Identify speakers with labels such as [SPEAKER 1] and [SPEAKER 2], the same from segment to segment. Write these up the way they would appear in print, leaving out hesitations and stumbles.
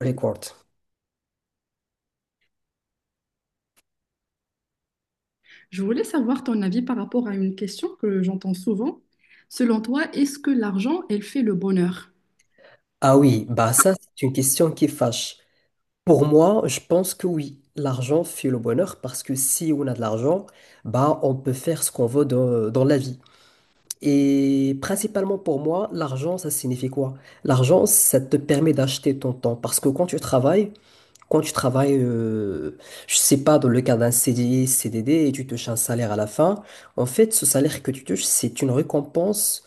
[SPEAKER 1] Record.
[SPEAKER 2] Je voulais savoir ton avis par rapport à une question que j'entends souvent. Selon toi, est-ce que l'argent, elle fait le bonheur?
[SPEAKER 1] Ah oui, bah ça, c'est une question qui fâche. Pour moi, je pense que oui, l'argent fait le bonheur parce que si on a de l'argent, bah on peut faire ce qu'on veut dans la vie. Et principalement pour moi, l'argent, ça signifie quoi? L'argent, ça te permet d'acheter ton temps parce que quand tu travailles, je sais pas, dans le cadre d'un CDI, CDD, et tu touches un salaire à la fin, en fait, ce salaire que tu touches, c'est une récompense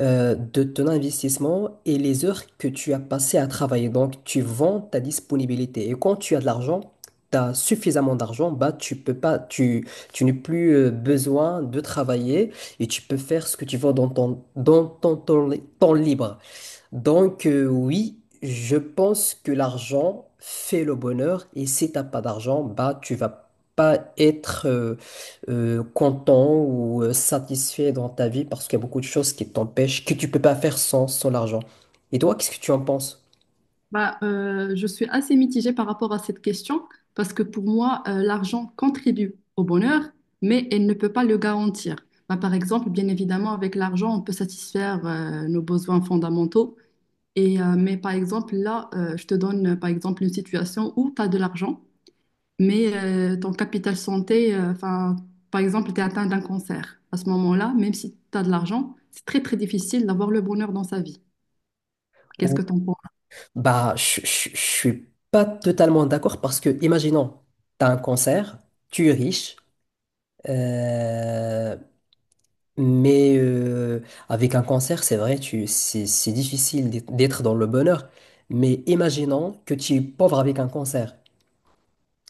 [SPEAKER 1] de ton investissement et les heures que tu as passées à travailler. Donc, tu vends ta disponibilité. Et quand tu as de l'argent, tu as suffisamment d'argent, bah, tu peux pas, tu n'as plus besoin de travailler et tu peux faire ce que tu veux dans ton temps, temps libre. Donc, oui, je pense que l'argent fait le bonheur et si t'as pas d'argent, bah, tu vas pas être content ou satisfait dans ta vie parce qu'il y a beaucoup de choses qui t'empêchent, que tu peux pas faire sans l'argent. Et toi, qu'est-ce que tu en penses?
[SPEAKER 2] Bah, je suis assez mitigée par rapport à cette question parce que pour moi, l'argent contribue au bonheur, mais elle ne peut pas le garantir. Bah, par exemple, bien évidemment, avec l'argent, on peut satisfaire nos besoins fondamentaux. Et, mais par exemple, là, je te donne par exemple une situation où tu as de l'argent. Mais ton capital santé, enfin, par exemple, tu es atteint d'un cancer. À ce moment-là, même si tu as de l'argent, c'est très très difficile d'avoir le bonheur dans sa vie. Qu'est-ce
[SPEAKER 1] Ou,
[SPEAKER 2] que tu en penses?
[SPEAKER 1] bah, je suis pas totalement d'accord parce que, imaginons, t'as un cancer, tu es riche, euh, mais avec un cancer, c'est vrai, c'est difficile d'être dans le bonheur. Mais imaginons que tu es pauvre avec un cancer.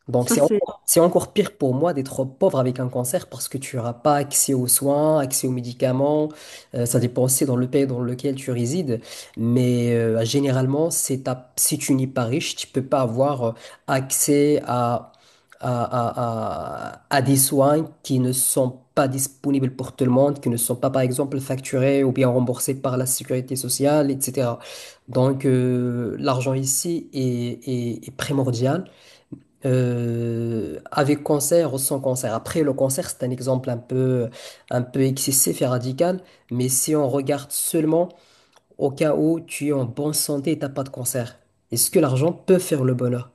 [SPEAKER 1] Donc
[SPEAKER 2] Ça, c'est.
[SPEAKER 1] c'est encore pire pour moi d'être pauvre avec un cancer parce que tu n'auras pas accès aux soins, accès aux médicaments. Ça dépend aussi dans le pays dans lequel tu résides. Mais généralement, si tu n'es pas riche, tu peux pas avoir accès à des soins qui ne sont pas disponibles pour tout le monde, qui ne sont pas, par exemple, facturés ou bien remboursés par la sécurité sociale, etc. Donc l'argent ici est primordial avec cancer ou sans cancer. Après, le cancer, c'est un exemple un peu excessif et radical, mais si on regarde seulement au cas où tu es en bonne santé et t'as pas de cancer, est-ce que l'argent peut faire le bonheur?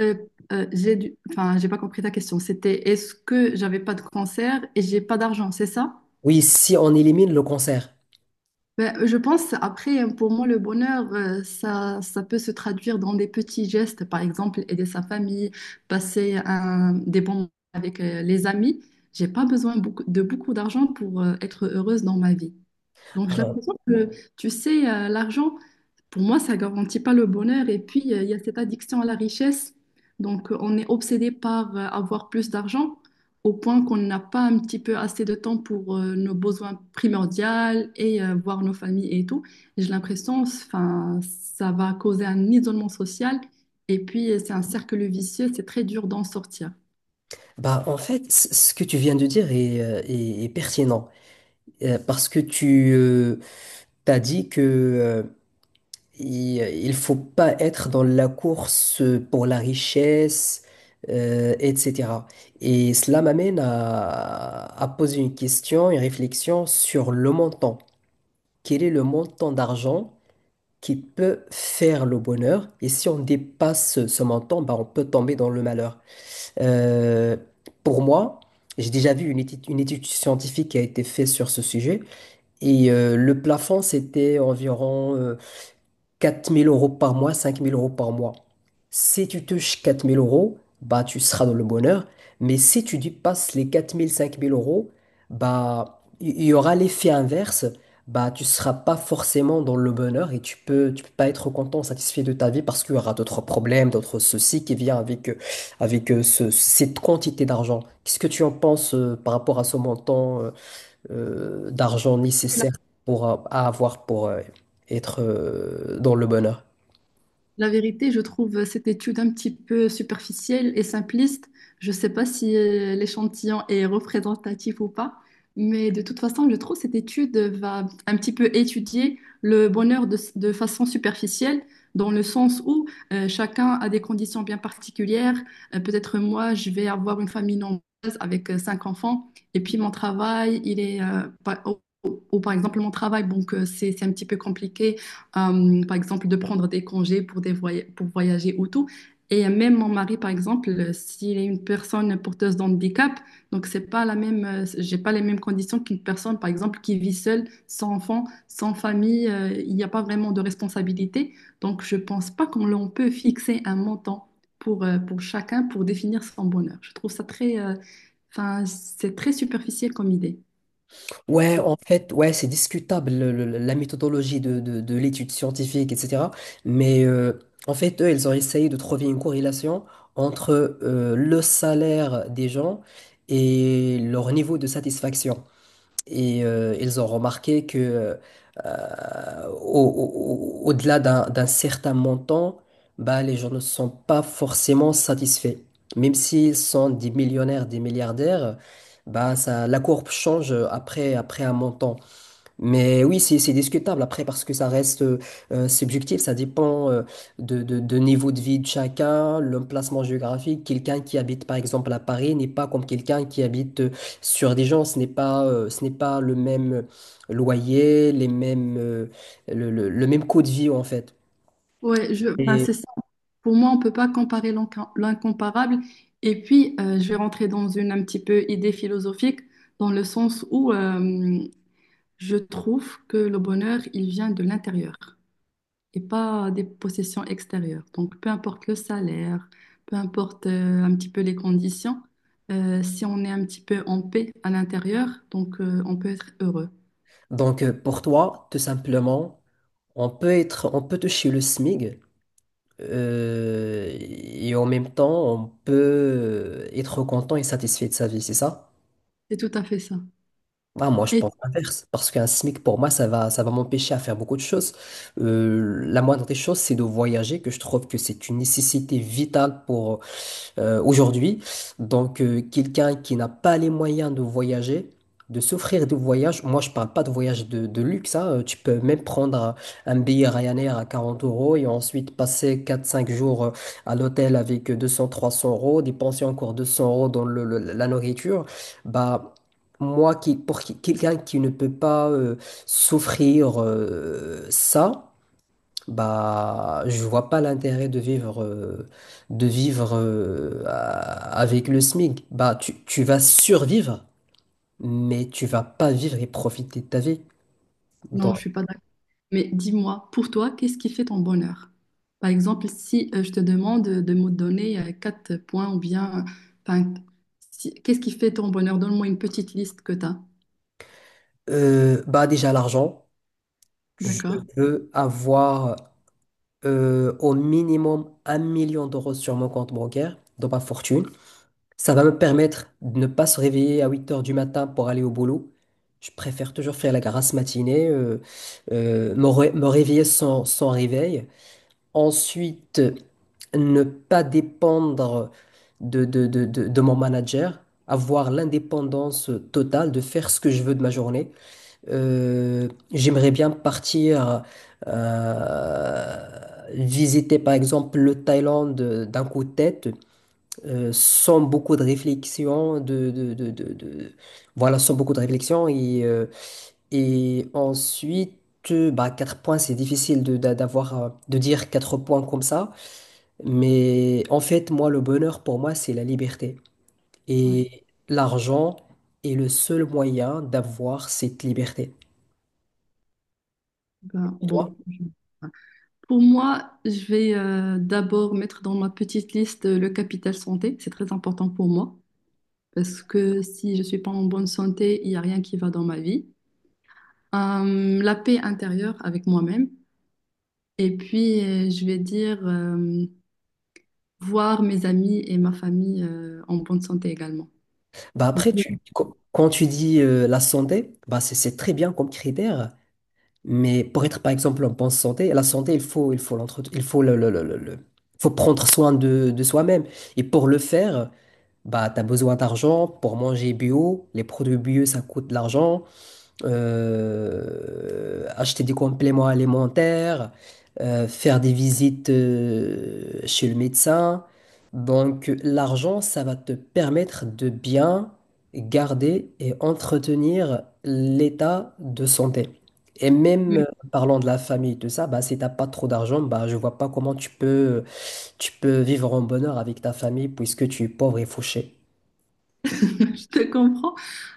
[SPEAKER 2] euh, Enfin, j'ai pas compris ta question. C'était est-ce que j'avais pas de cancer et j'ai pas d'argent, c'est ça?
[SPEAKER 1] Oui, si on élimine le cancer.
[SPEAKER 2] Ben, je pense, après, pour moi, le bonheur, ça, ça peut se traduire dans des petits gestes, par exemple, aider sa famille, passer des bons moments avec les amis. J'ai pas besoin de beaucoup d'argent pour être heureuse dans ma vie. Donc, j'ai
[SPEAKER 1] Alors,
[SPEAKER 2] l'impression que, tu sais, l'argent, pour moi, ça garantit pas le bonheur. Et puis, il y a cette addiction à la richesse. Donc, on est obsédé par avoir plus d'argent au point qu'on n'a pas un petit peu assez de temps pour nos besoins primordiaux et voir nos familles et tout. J'ai l'impression, enfin, ça va causer un isolement social. Et puis, c'est un cercle vicieux. C'est très dur d'en sortir.
[SPEAKER 1] bah, en fait, ce que tu viens de dire est pertinent, parce que tu as dit que il faut pas être dans la course pour la richesse, etc. Et cela m'amène à poser une question, une réflexion sur le montant. Quel est le montant d'argent qui peut faire le bonheur? Et si on dépasse ce montant, bah, on peut tomber dans le malheur. Euh, pour moi, j'ai déjà vu une étude scientifique qui a été faite sur ce sujet. Et le plafond, c'était environ 4 000 euros par mois, 5 000 euros par mois. Si tu touches 4 000 euros, bah, tu seras dans le bonheur. Mais si tu dépasses les 4 000 5 000 euros, bah, il y aura l'effet inverse. Bah, tu seras pas forcément dans le bonheur et tu peux pas être content, satisfait de ta vie parce qu'il y aura d'autres problèmes, d'autres soucis qui viennent avec cette quantité d'argent. Qu'est-ce que tu en penses par rapport à ce montant, d'argent nécessaire pour à avoir pour être dans le bonheur.
[SPEAKER 2] La vérité, je trouve cette étude un petit peu superficielle et simpliste. Je ne sais pas si l'échantillon est représentatif ou pas, mais de toute façon, je trouve que cette étude va un petit peu étudier le bonheur de façon superficielle, dans le sens où chacun a des conditions bien particulières. Peut-être moi, je vais avoir une famille nombreuse avec cinq enfants, et puis mon travail, il est, ou par exemple mon travail, donc c'est un petit peu compliqué par exemple, de prendre des congés pour, pour voyager ou tout. Et même mon mari, par exemple, s'il est une personne porteuse d'handicap, donc c'est pas la même, j'ai pas les mêmes conditions qu'une personne, par exemple, qui vit seule, sans enfant, sans famille, il n'y a pas vraiment de responsabilité. Donc je pense pas qu'on l'on peut fixer un montant pour chacun pour définir son bonheur. Je trouve ça très, enfin, c'est très superficiel comme idée.
[SPEAKER 1] Ouais, en fait, ouais, c'est discutable la méthodologie de l'étude scientifique, etc. Mais en fait, eux, ils ont essayé de trouver une corrélation entre le salaire des gens et leur niveau de satisfaction. Et ils ont remarqué que au delà d'un certain montant, bah, les gens ne sont pas forcément satisfaits. Même s'ils sont des millionnaires, des milliardaires, bah, ça, la courbe change après un montant. Mais oui, c'est discutable après parce que ça reste subjectif, ça dépend de niveau de vie de chacun, l'emplacement géographique. Quelqu'un qui habite par exemple à Paris n'est pas comme quelqu'un qui habite sur des gens, ce n'est pas le même loyer, les mêmes, le même coût de vie en fait.
[SPEAKER 2] Ouais, enfin,
[SPEAKER 1] Et
[SPEAKER 2] c'est. Pour moi, on ne peut pas comparer l'incomparable. Et puis, je vais rentrer dans une un petit peu idée philosophique, dans le sens où je trouve que le bonheur, il vient de l'intérieur et pas des possessions extérieures. Donc, peu importe le salaire, peu importe un petit peu les conditions, si on est un petit peu en paix à l'intérieur, donc on peut être heureux.
[SPEAKER 1] donc pour toi, tout simplement, on peut être, on peut toucher le SMIG et en même temps, on peut être content et satisfait de sa vie, c'est ça?
[SPEAKER 2] C'est tout à fait ça.
[SPEAKER 1] Ah, moi, je
[SPEAKER 2] Et
[SPEAKER 1] pense l'inverse, parce qu'un SMIC, pour moi, ça va m'empêcher à faire beaucoup de choses. La moindre des choses, c'est de voyager, que je trouve que c'est une nécessité vitale pour, aujourd'hui. Donc, quelqu'un qui n'a pas les moyens de voyager, de s'offrir des voyages, moi je parle pas de voyage de luxe, hein, tu peux même un billet Ryanair à 40 euros et ensuite passer quatre cinq jours à l'hôtel avec 200-300 euros, dépenser encore 200 euros dans la nourriture. Bah, moi, qui, pour qui- quelqu'un qui ne peut pas s'offrir ça, bah, je vois pas l'intérêt de vivre, avec le SMIC. Bah, tu vas survivre, mais tu vas pas vivre et profiter de ta vie.
[SPEAKER 2] non,
[SPEAKER 1] Donc,
[SPEAKER 2] je suis pas d'accord. Mais dis-moi, pour toi, qu'est-ce qui fait ton bonheur? Par exemple, si je te demande de me donner quatre points ou bien, enfin, qu'est-ce qui fait ton bonheur? Donne-moi une petite liste que tu as.
[SPEAKER 1] bah déjà l'argent, je
[SPEAKER 2] D'accord?
[SPEAKER 1] veux avoir au minimum 1 million d'euros sur mon compte bancaire, dans ma fortune. Ça va me permettre de ne pas se réveiller à 8 heures du matin pour aller au boulot. Je préfère toujours faire la grasse matinée. Me réveiller sans réveil. Ensuite, ne pas dépendre de mon manager, avoir l'indépendance totale de faire ce que je veux de ma journée. J'aimerais bien partir euh, visiter par exemple le Thaïlande d'un coup de tête, sans beaucoup de réflexion, voilà, sans beaucoup de réflexion. Et, ensuite, bah, 4 points, c'est difficile de dire quatre points comme ça. Mais en fait, moi, le bonheur pour moi, c'est la liberté.
[SPEAKER 2] Ouais.
[SPEAKER 1] Et l'argent est le seul moyen d'avoir cette liberté.
[SPEAKER 2] Ben,
[SPEAKER 1] Toi,
[SPEAKER 2] bon. Pour moi, je vais d'abord mettre dans ma petite liste le capital santé. C'est très important pour moi parce que si je suis pas en bonne santé, il n'y a rien qui va dans ma vie. La paix intérieure avec moi-même. Et puis, je vais dire voir mes amis et ma famille en bonne santé également.
[SPEAKER 1] bah
[SPEAKER 2] Donc,
[SPEAKER 1] après, tu, qu- quand tu dis la santé, bah c'est très bien comme critère. Mais pour être, par exemple, en bonne santé, la santé, il faut l'entretenir, il faut le- faut prendre soin de soi-même. Et pour le faire, bah, tu as besoin d'argent pour manger bio. Les produits bio, ça coûte de l'argent. Acheter des compléments alimentaires, faire des visites chez le médecin. Donc l'argent, ça va te permettre de bien garder et entretenir l'état de santé. Et même
[SPEAKER 2] je
[SPEAKER 1] parlant de la famille, tout ça, bah, si t'as pas trop d'argent, bah, je vois pas comment tu peux vivre en bonheur avec ta famille puisque tu es pauvre et fauché.
[SPEAKER 2] je te comprends.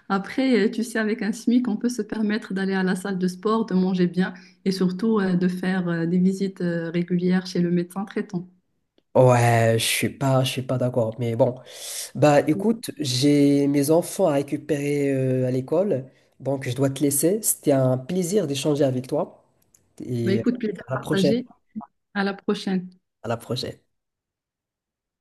[SPEAKER 2] Après, tu sais, avec un SMIC, on peut se permettre d'aller à la salle de sport, de manger bien et surtout de faire des visites régulières chez le médecin traitant.
[SPEAKER 1] Ouais, je suis pas d'accord. Mais bon, bah écoute, j'ai mes enfants à récupérer à l'école, donc je dois te laisser. C'était un plaisir d'échanger avec toi
[SPEAKER 2] Bah,
[SPEAKER 1] et
[SPEAKER 2] écoute, plaisir
[SPEAKER 1] à la prochaine.
[SPEAKER 2] partagé. À la prochaine.
[SPEAKER 1] À la prochaine.